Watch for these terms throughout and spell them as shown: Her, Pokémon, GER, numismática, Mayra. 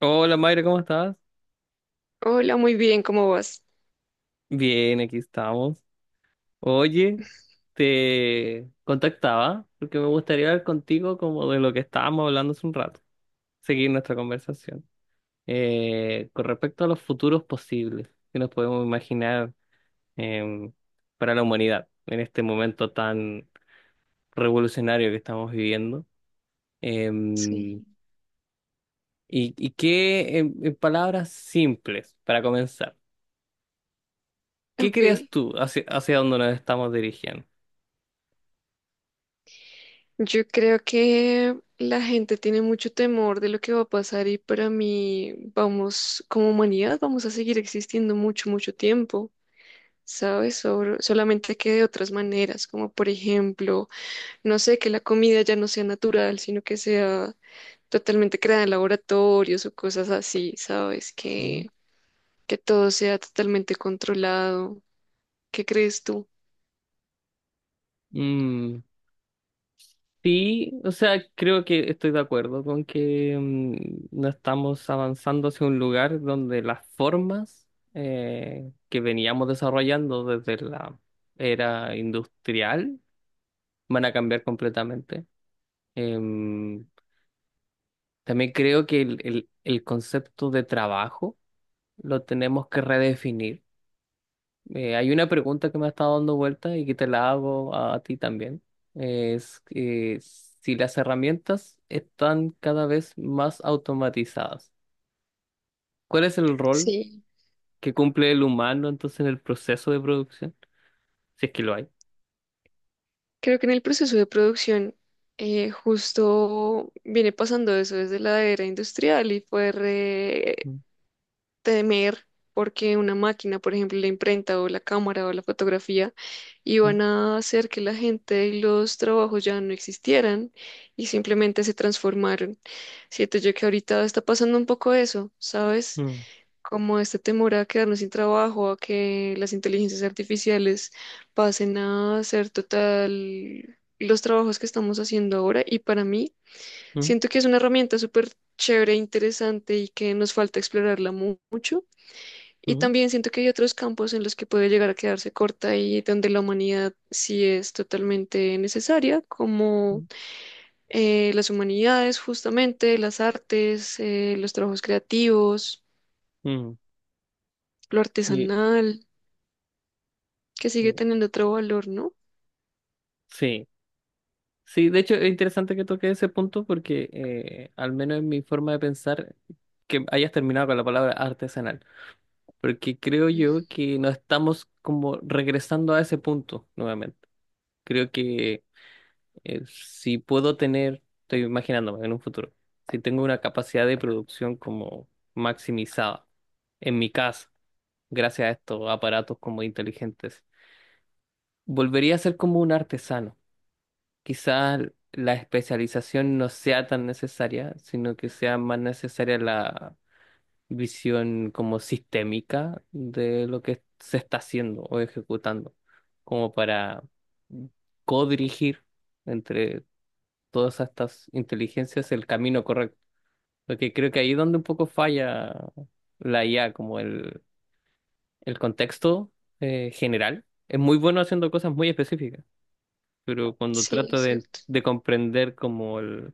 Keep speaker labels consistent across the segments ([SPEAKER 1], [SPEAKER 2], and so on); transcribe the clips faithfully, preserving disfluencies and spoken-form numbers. [SPEAKER 1] Hola Mayra, ¿cómo estás?
[SPEAKER 2] Hola, muy bien, ¿cómo vas?
[SPEAKER 1] Bien, aquí estamos. Oye, te contactaba porque me gustaría hablar contigo como de lo que estábamos hablando hace un rato, seguir nuestra conversación. Eh, con respecto a los futuros posibles que nos podemos imaginar em, para la humanidad en este momento tan revolucionario que estamos viviendo. Em,
[SPEAKER 2] Sí.
[SPEAKER 1] y, y qué, en, en palabras simples, para comenzar, ¿qué
[SPEAKER 2] Ok,
[SPEAKER 1] crees tú hacia, hacia dónde nos estamos dirigiendo?
[SPEAKER 2] yo creo que la gente tiene mucho temor de lo que va a pasar y para mí vamos, como humanidad, vamos a seguir existiendo mucho, mucho tiempo, ¿sabes? Sobre- solamente que de otras maneras, como por ejemplo, no sé, que la comida ya no sea natural, sino que sea totalmente creada en laboratorios o cosas así, ¿sabes? Que, que todo sea totalmente controlado. ¿Qué crees tú?
[SPEAKER 1] Mm, sí, o sea, creo que estoy de acuerdo con que mm, no estamos avanzando hacia un lugar donde las formas eh, que veníamos desarrollando desde la era industrial van a cambiar completamente. Em, También creo que el, el el concepto de trabajo lo tenemos que redefinir. Eh, hay una pregunta que me ha estado dando vuelta y que te la hago a, ti también. Es que si las herramientas están cada vez más automatizadas, ¿cuál es el rol
[SPEAKER 2] Sí.
[SPEAKER 1] que cumple el humano entonces en el proceso de producción? Si es que lo hay.
[SPEAKER 2] Creo que en el proceso de producción eh, justo viene pasando eso desde la era industrial y fue re-
[SPEAKER 1] Mm,
[SPEAKER 2] temer porque una máquina, por ejemplo, la imprenta o la cámara o la fotografía, iban a hacer que la gente y los trabajos ya no existieran y simplemente se transformaron. Siento yo que ahorita está pasando un poco eso, ¿sabes?
[SPEAKER 1] mm,
[SPEAKER 2] Como este temor a quedarnos sin trabajo, a que las inteligencias artificiales pasen a hacer total los trabajos que estamos haciendo ahora. Y para mí,
[SPEAKER 1] mm,
[SPEAKER 2] siento que es una herramienta súper chévere, e interesante y que nos falta explorarla mu- mucho. Y
[SPEAKER 1] mm,
[SPEAKER 2] también siento que hay otros campos en los que puede llegar a quedarse corta y donde la humanidad sí es totalmente necesaria, como
[SPEAKER 1] mm,
[SPEAKER 2] eh, las humanidades, justamente, las artes, eh, los trabajos creativos,
[SPEAKER 1] mm.
[SPEAKER 2] lo
[SPEAKER 1] Sí,
[SPEAKER 2] artesanal, que sigue
[SPEAKER 1] sí,
[SPEAKER 2] teniendo otro valor, ¿no?
[SPEAKER 1] sí. Sí, de hecho es interesante que toque ese punto porque eh, al menos en mi forma de pensar, que hayas terminado con la palabra artesanal. porque creo yo que no estamos como regresando a ese punto nuevamente. Creo que eh, si puedo tener, estoy imaginándome en un futuro, si tengo una capacidad de producción como maximizada en mi casa, gracias a estos aparatos como inteligentes, volvería a ser como un artesano. Quizás la especialización no sea tan necesaria, sino que sea más necesaria la visión como sistémica de lo que se está haciendo o ejecutando, como para codirigir entre todas estas inteligencias el camino correcto. Porque creo que ahí es donde un poco falla la I A, como el, el contexto eh, general. Es muy bueno haciendo cosas muy específicas, pero cuando
[SPEAKER 2] Sí, es
[SPEAKER 1] trata de,
[SPEAKER 2] cierto.
[SPEAKER 1] de comprender como el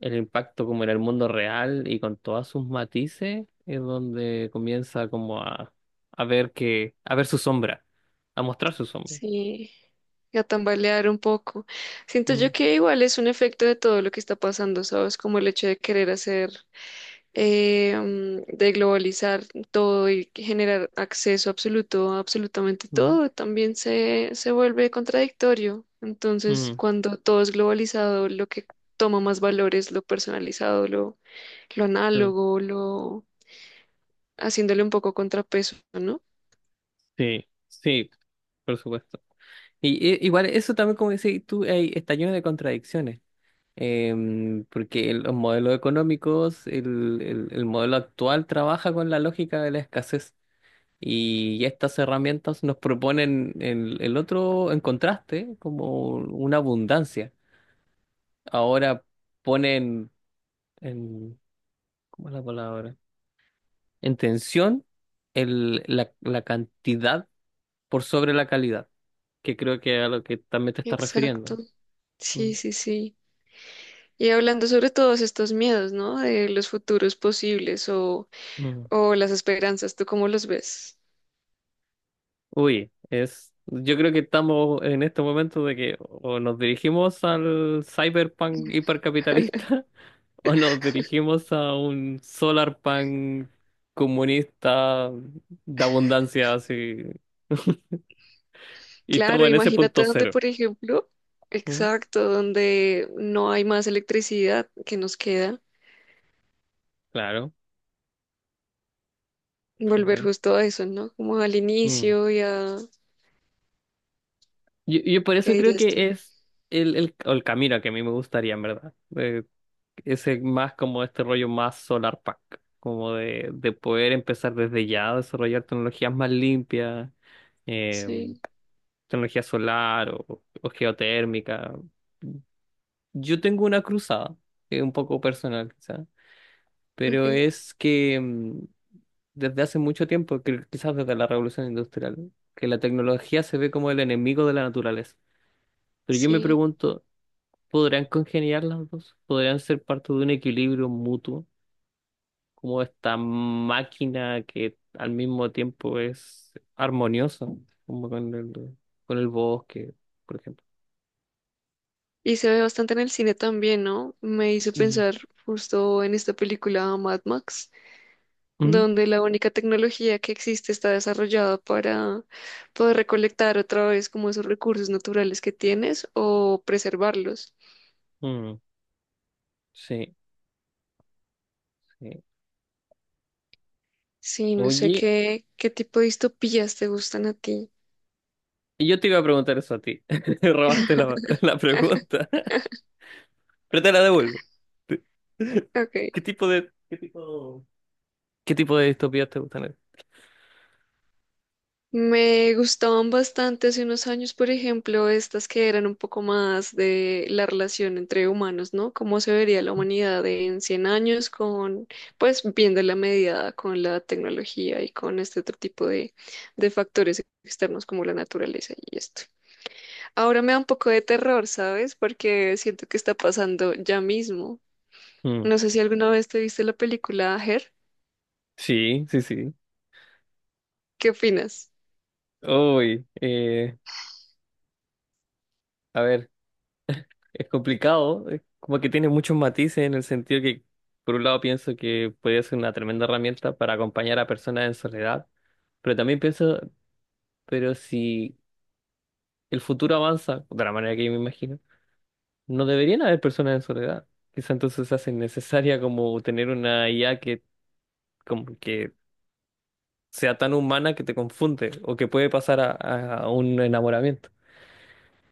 [SPEAKER 1] el impacto como en el mundo real y con todos sus matices es donde comienza como a, a ver que, a ver su sombra, a mostrar su sombra.
[SPEAKER 2] Sí, a tambalear un poco. Siento yo
[SPEAKER 1] Mm,
[SPEAKER 2] que igual es un efecto de todo lo que está pasando, ¿sabes? Como el hecho de querer hacer, eh, mm, de globalizar todo y generar acceso absoluto a absolutamente
[SPEAKER 1] mm,
[SPEAKER 2] todo, también se, se vuelve contradictorio. Entonces,
[SPEAKER 1] mm,
[SPEAKER 2] cuando todo es globalizado, lo que toma más valor es lo personalizado, lo, lo
[SPEAKER 1] claro.
[SPEAKER 2] análogo, lo haciéndole un poco contrapeso, ¿no?
[SPEAKER 1] Sí, sí, por supuesto. Y, eh, igual eso también, como decís tú, eh, está lleno de contradicciones. Em, porque el- los modelos económicos, el, el el modelo actual trabaja con la lógica de la escasez. Y estas herramientas nos proponen el, el otro en contraste, como una abundancia. Ahora ponen en, ¿cómo es la palabra? En tensión el, la, la cantidad por sobre la calidad, que creo que es a lo que también te estás refiriendo.
[SPEAKER 2] Exacto.
[SPEAKER 1] Mm,
[SPEAKER 2] Sí, sí, sí. Y hablando sobre todos estos miedos, ¿no? De los futuros posibles o,
[SPEAKER 1] mm.
[SPEAKER 2] o las esperanzas, ¿tú cómo los ves?
[SPEAKER 1] Uy, es, yo creo que estamos en este momento de que o nos dirigimos al cyberpunk hipercapitalista o nos dirigimos a un solar pan comunista de abundancia, así, y
[SPEAKER 2] Claro,
[SPEAKER 1] estamos en ese punto
[SPEAKER 2] imagínate donde,
[SPEAKER 1] cero.
[SPEAKER 2] por ejemplo,
[SPEAKER 1] Mm,
[SPEAKER 2] exacto, donde no hay más electricidad que nos queda,
[SPEAKER 1] claro,
[SPEAKER 2] volver
[SPEAKER 1] claro.
[SPEAKER 2] justo a eso, ¿no? Como al
[SPEAKER 1] Mm.
[SPEAKER 2] inicio y a...
[SPEAKER 1] Yo, yo por
[SPEAKER 2] ¿Qué
[SPEAKER 1] eso creo
[SPEAKER 2] dirías tú?
[SPEAKER 1] que es el, el, o el camino que a mí me gustaría, en verdad. Eh, ese más como este rollo más solar pack, como de, de poder empezar desde ya a desarrollar tecnologías más limpias, eh,
[SPEAKER 2] Sí,
[SPEAKER 1] tecnología solar o, o geotérmica. Yo tengo una cruzada, eh, un poco personal quizá, pero
[SPEAKER 2] ok,
[SPEAKER 1] es que mm, desde hace mucho tiempo, que quizás desde la Revolución Industrial, que la tecnología se ve como el enemigo de la naturaleza. Pero yo me
[SPEAKER 2] sí.
[SPEAKER 1] pregunto, ¿podrán congeniar las dos? ¿Podrán ser parte de un equilibrio mutuo? Como esta máquina que al mismo tiempo es armoniosa, como con el, con el bosque, por ejemplo.
[SPEAKER 2] Y se ve bastante en el cine también, ¿no? Me hizo
[SPEAKER 1] Mm.
[SPEAKER 2] pensar justo en esta película Mad Max,
[SPEAKER 1] Mm.
[SPEAKER 2] donde la única tecnología que existe está desarrollada para poder recolectar otra vez como esos recursos naturales que tienes o preservarlos.
[SPEAKER 1] Mm. Sí, sí.
[SPEAKER 2] Sí, no sé
[SPEAKER 1] Oye,
[SPEAKER 2] qué, qué tipo de distopías te gustan a ti.
[SPEAKER 1] Y yo te iba a preguntar eso a ti. Robaste la, la pregunta. Pero te la devuelvo.
[SPEAKER 2] Ok.
[SPEAKER 1] ¿Qué tipo de, qué tipo, qué tipo de distopías te gustan?
[SPEAKER 2] Me gustaban bastante hace unos años, por ejemplo, estas que eran un poco más de la relación entre humanos, ¿no? Cómo se vería la humanidad en cien años con, pues, viendo la medida con la tecnología y con este otro tipo de, de factores externos como la naturaleza y esto. Ahora me da un poco de terror, ¿sabes? Porque siento que está pasando ya mismo.
[SPEAKER 1] Mm,
[SPEAKER 2] No sé si alguna vez te viste la película Her.
[SPEAKER 1] sí, sí, sí.
[SPEAKER 2] ¿Qué opinas?
[SPEAKER 1] Uy, eh, a ver, es complicado. es como que tiene muchos matices en el sentido que, por un lado, pienso que puede ser una tremenda herramienta para acompañar a personas en soledad. Pero también pienso, pero si el futuro avanza, de la manera que yo me imagino No deberían haber personas en soledad. Quizá entonces hace necesaria como tener una I A que, como que sea tan humana que te confunde o que puede pasar a, a- a un enamoramiento.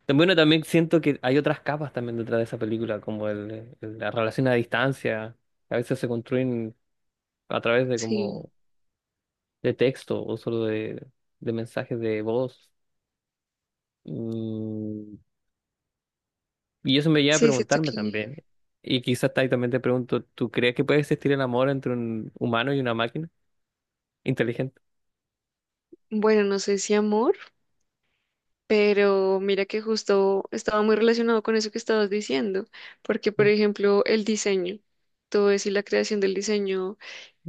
[SPEAKER 1] Bueno, también siento que hay otras capas también detrás de esa película, como el, el- la relación a distancia, que a veces se construyen a través de
[SPEAKER 2] Sí,
[SPEAKER 1] como de texto o solo de, de mensajes de voz. Mm, y eso me lleva a
[SPEAKER 2] sí, siento
[SPEAKER 1] preguntarme
[SPEAKER 2] que...
[SPEAKER 1] también. Y quizás ahí también te pregunto, ¿tú crees que puede existir el amor entre un humano y una máquina? Inteligente.
[SPEAKER 2] Bueno, no sé si amor. Pero mira que justo estaba muy relacionado con eso que estabas diciendo, porque por
[SPEAKER 1] Mm,
[SPEAKER 2] ejemplo el diseño, todo eso y la creación del diseño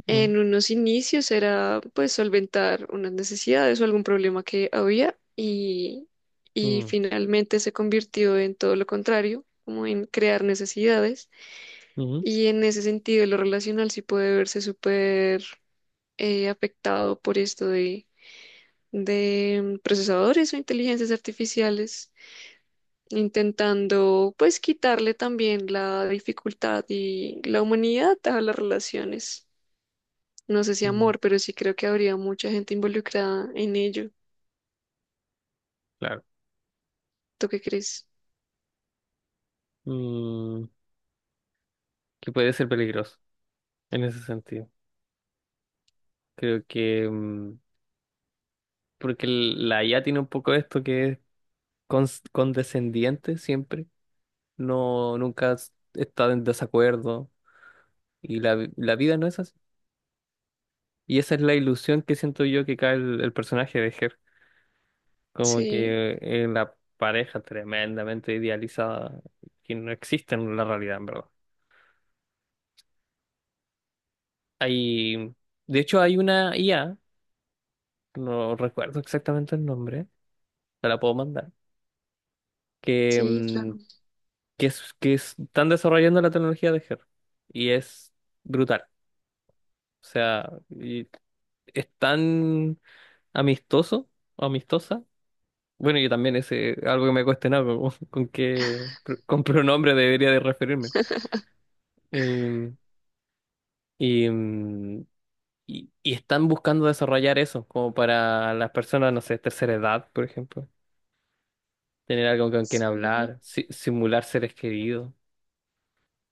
[SPEAKER 1] mm,
[SPEAKER 2] en unos inicios era pues solventar unas necesidades o algún problema que había y, y
[SPEAKER 1] mm,
[SPEAKER 2] finalmente se convirtió en todo lo contrario, como en crear necesidades
[SPEAKER 1] mm,
[SPEAKER 2] y en ese sentido lo relacional sí puede verse súper eh, afectado por esto de, de procesadores o inteligencias artificiales intentando pues quitarle también la dificultad y la humanidad a las relaciones. No sé si
[SPEAKER 1] mm,
[SPEAKER 2] amor, pero sí creo que habría mucha gente involucrada en ello.
[SPEAKER 1] claro.
[SPEAKER 2] ¿Tú qué crees?
[SPEAKER 1] Mm, que puede ser peligroso en ese sentido. Creo que mm, porque el- la I A tiene un poco esto que es cons- condescendiente siempre. No, nunca s- está en desacuerdo. Y la, vi- la vida no es así. Y esa es la ilusión que siento yo que cae el, el personaje de Her. Como
[SPEAKER 2] Sí,
[SPEAKER 1] que en la pareja tremendamente idealizada que no existe en la realidad, en verdad. Hay, de hecho, hay una I A, no recuerdo exactamente el nombre, te la puedo mandar, que,
[SPEAKER 2] sí,
[SPEAKER 1] mm,
[SPEAKER 2] claro.
[SPEAKER 1] que, es, que es- están desarrollando la tecnología de G E R y es brutal. O sea, y es tan amistoso, amistosa. Bueno, yo también ese algo que me he cuestionado con, con qué pr- con pronombre debería de referirme. Em, y, mm, y, y están buscando desarrollar eso, como para las personas, no sé, tercera edad, por ejemplo. Tener algo con quien
[SPEAKER 2] Sí,
[SPEAKER 1] hablar, si- simular seres queridos.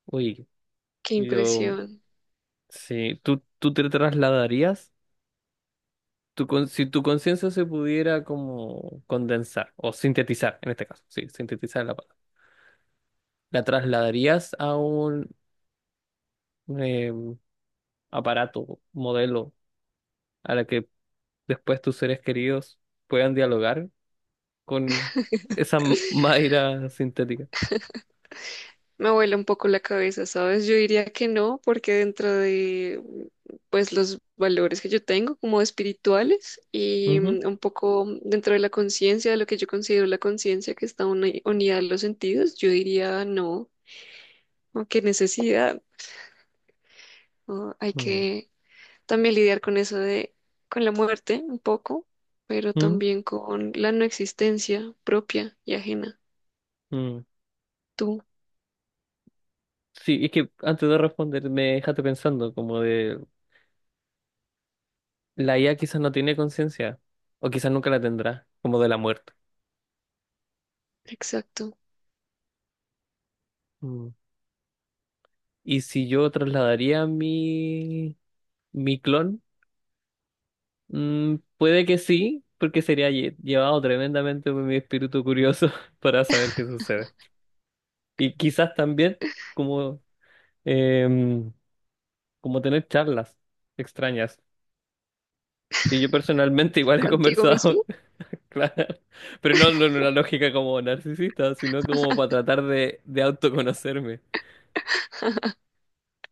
[SPEAKER 1] Uy,
[SPEAKER 2] qué
[SPEAKER 1] yo,
[SPEAKER 2] impresión.
[SPEAKER 1] sí, ¿tú, tú te trasladarías? Tu con- si tu conciencia se pudiera como condensar o sintetizar, en este caso, sí, sintetizar la palabra, ¿la trasladarías a un eh, aparato, modelo, a la que después tus seres queridos puedan dialogar con esa m- Mayra sintética?
[SPEAKER 2] Me vuela un poco la cabeza, ¿sabes? Yo diría que no, porque dentro de pues los valores que yo tengo como espirituales y
[SPEAKER 1] Ujú,
[SPEAKER 2] mm, un poco dentro de la conciencia, de lo que yo considero la conciencia que está uni- unida a los sentidos, yo diría no, ¿no? Qué necesidad, ¿no? Hay
[SPEAKER 1] mm,
[SPEAKER 2] que también lidiar con eso de con la muerte un poco, pero
[SPEAKER 1] mm,
[SPEAKER 2] también con la no existencia propia y ajena.
[SPEAKER 1] mm.
[SPEAKER 2] Tú,
[SPEAKER 1] Sí, es que antes de responder me dejaste pensando como de la I A quizás no tiene conciencia o quizás nunca la tendrá, como de la muerte.
[SPEAKER 2] exacto.
[SPEAKER 1] Mm. Y si yo trasladaría mi mi clon, Mm, puede que sí, porque sería lle- llevado tremendamente por mi espíritu curioso para saber qué sucede. Y quizás también como em, como tener charlas extrañas Y yo personalmente igual he
[SPEAKER 2] Contigo
[SPEAKER 1] conversado,
[SPEAKER 2] mismo.
[SPEAKER 1] claro, pero no, no en una lógica como narcisista, sino como para tratar de, de autoconocerme.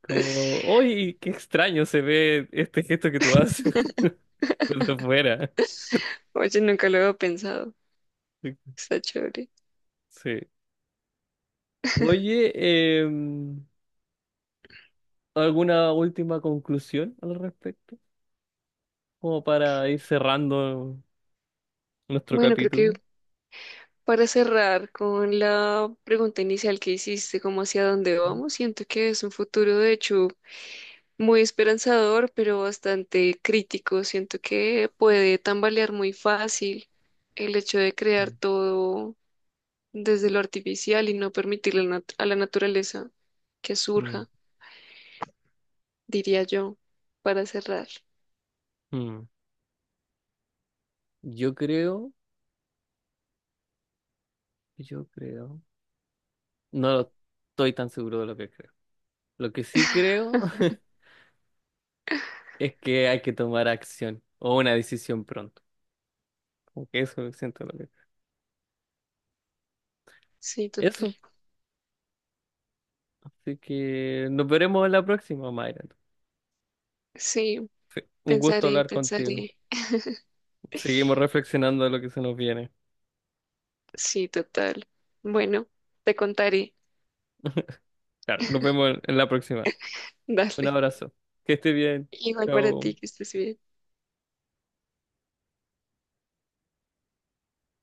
[SPEAKER 1] Como, uy, qué extraño se ve este gesto que tú haces desde fuera.
[SPEAKER 2] Oye, nunca lo había pensado. Está chévere.
[SPEAKER 1] Sí. Oye, em, ¿alguna última conclusión al respecto? Como para ir cerrando nuestro
[SPEAKER 2] Bueno, creo que
[SPEAKER 1] capítulo.
[SPEAKER 2] para cerrar con la pregunta inicial que hiciste, como hacia dónde
[SPEAKER 1] Mm,
[SPEAKER 2] vamos, siento que es un futuro de hecho muy esperanzador, pero bastante crítico. Siento que puede tambalear muy fácil el hecho de crear todo desde lo artificial y no permitirle a la nat- a la naturaleza que
[SPEAKER 1] mm,
[SPEAKER 2] surja, diría yo, para cerrar.
[SPEAKER 1] mm. Yo creo, yo creo, no estoy tan seguro de lo que creo. Lo que sí creo es que hay que tomar acción o una decisión pronto. Como que eso siento lo que...
[SPEAKER 2] Sí, total.
[SPEAKER 1] Eso. Así que nos veremos en la próxima, Mayra.
[SPEAKER 2] Sí,
[SPEAKER 1] Un gusto
[SPEAKER 2] pensaré,
[SPEAKER 1] hablar contigo.
[SPEAKER 2] pensaré.
[SPEAKER 1] Seguimos reflexionando de lo que se nos viene.
[SPEAKER 2] Sí, total. Bueno, te contaré.
[SPEAKER 1] Claro, nos vemos en en la próxima. Un
[SPEAKER 2] Dale.
[SPEAKER 1] abrazo. Que esté bien.
[SPEAKER 2] Igual para
[SPEAKER 1] Chao.
[SPEAKER 2] ti, que estés bien.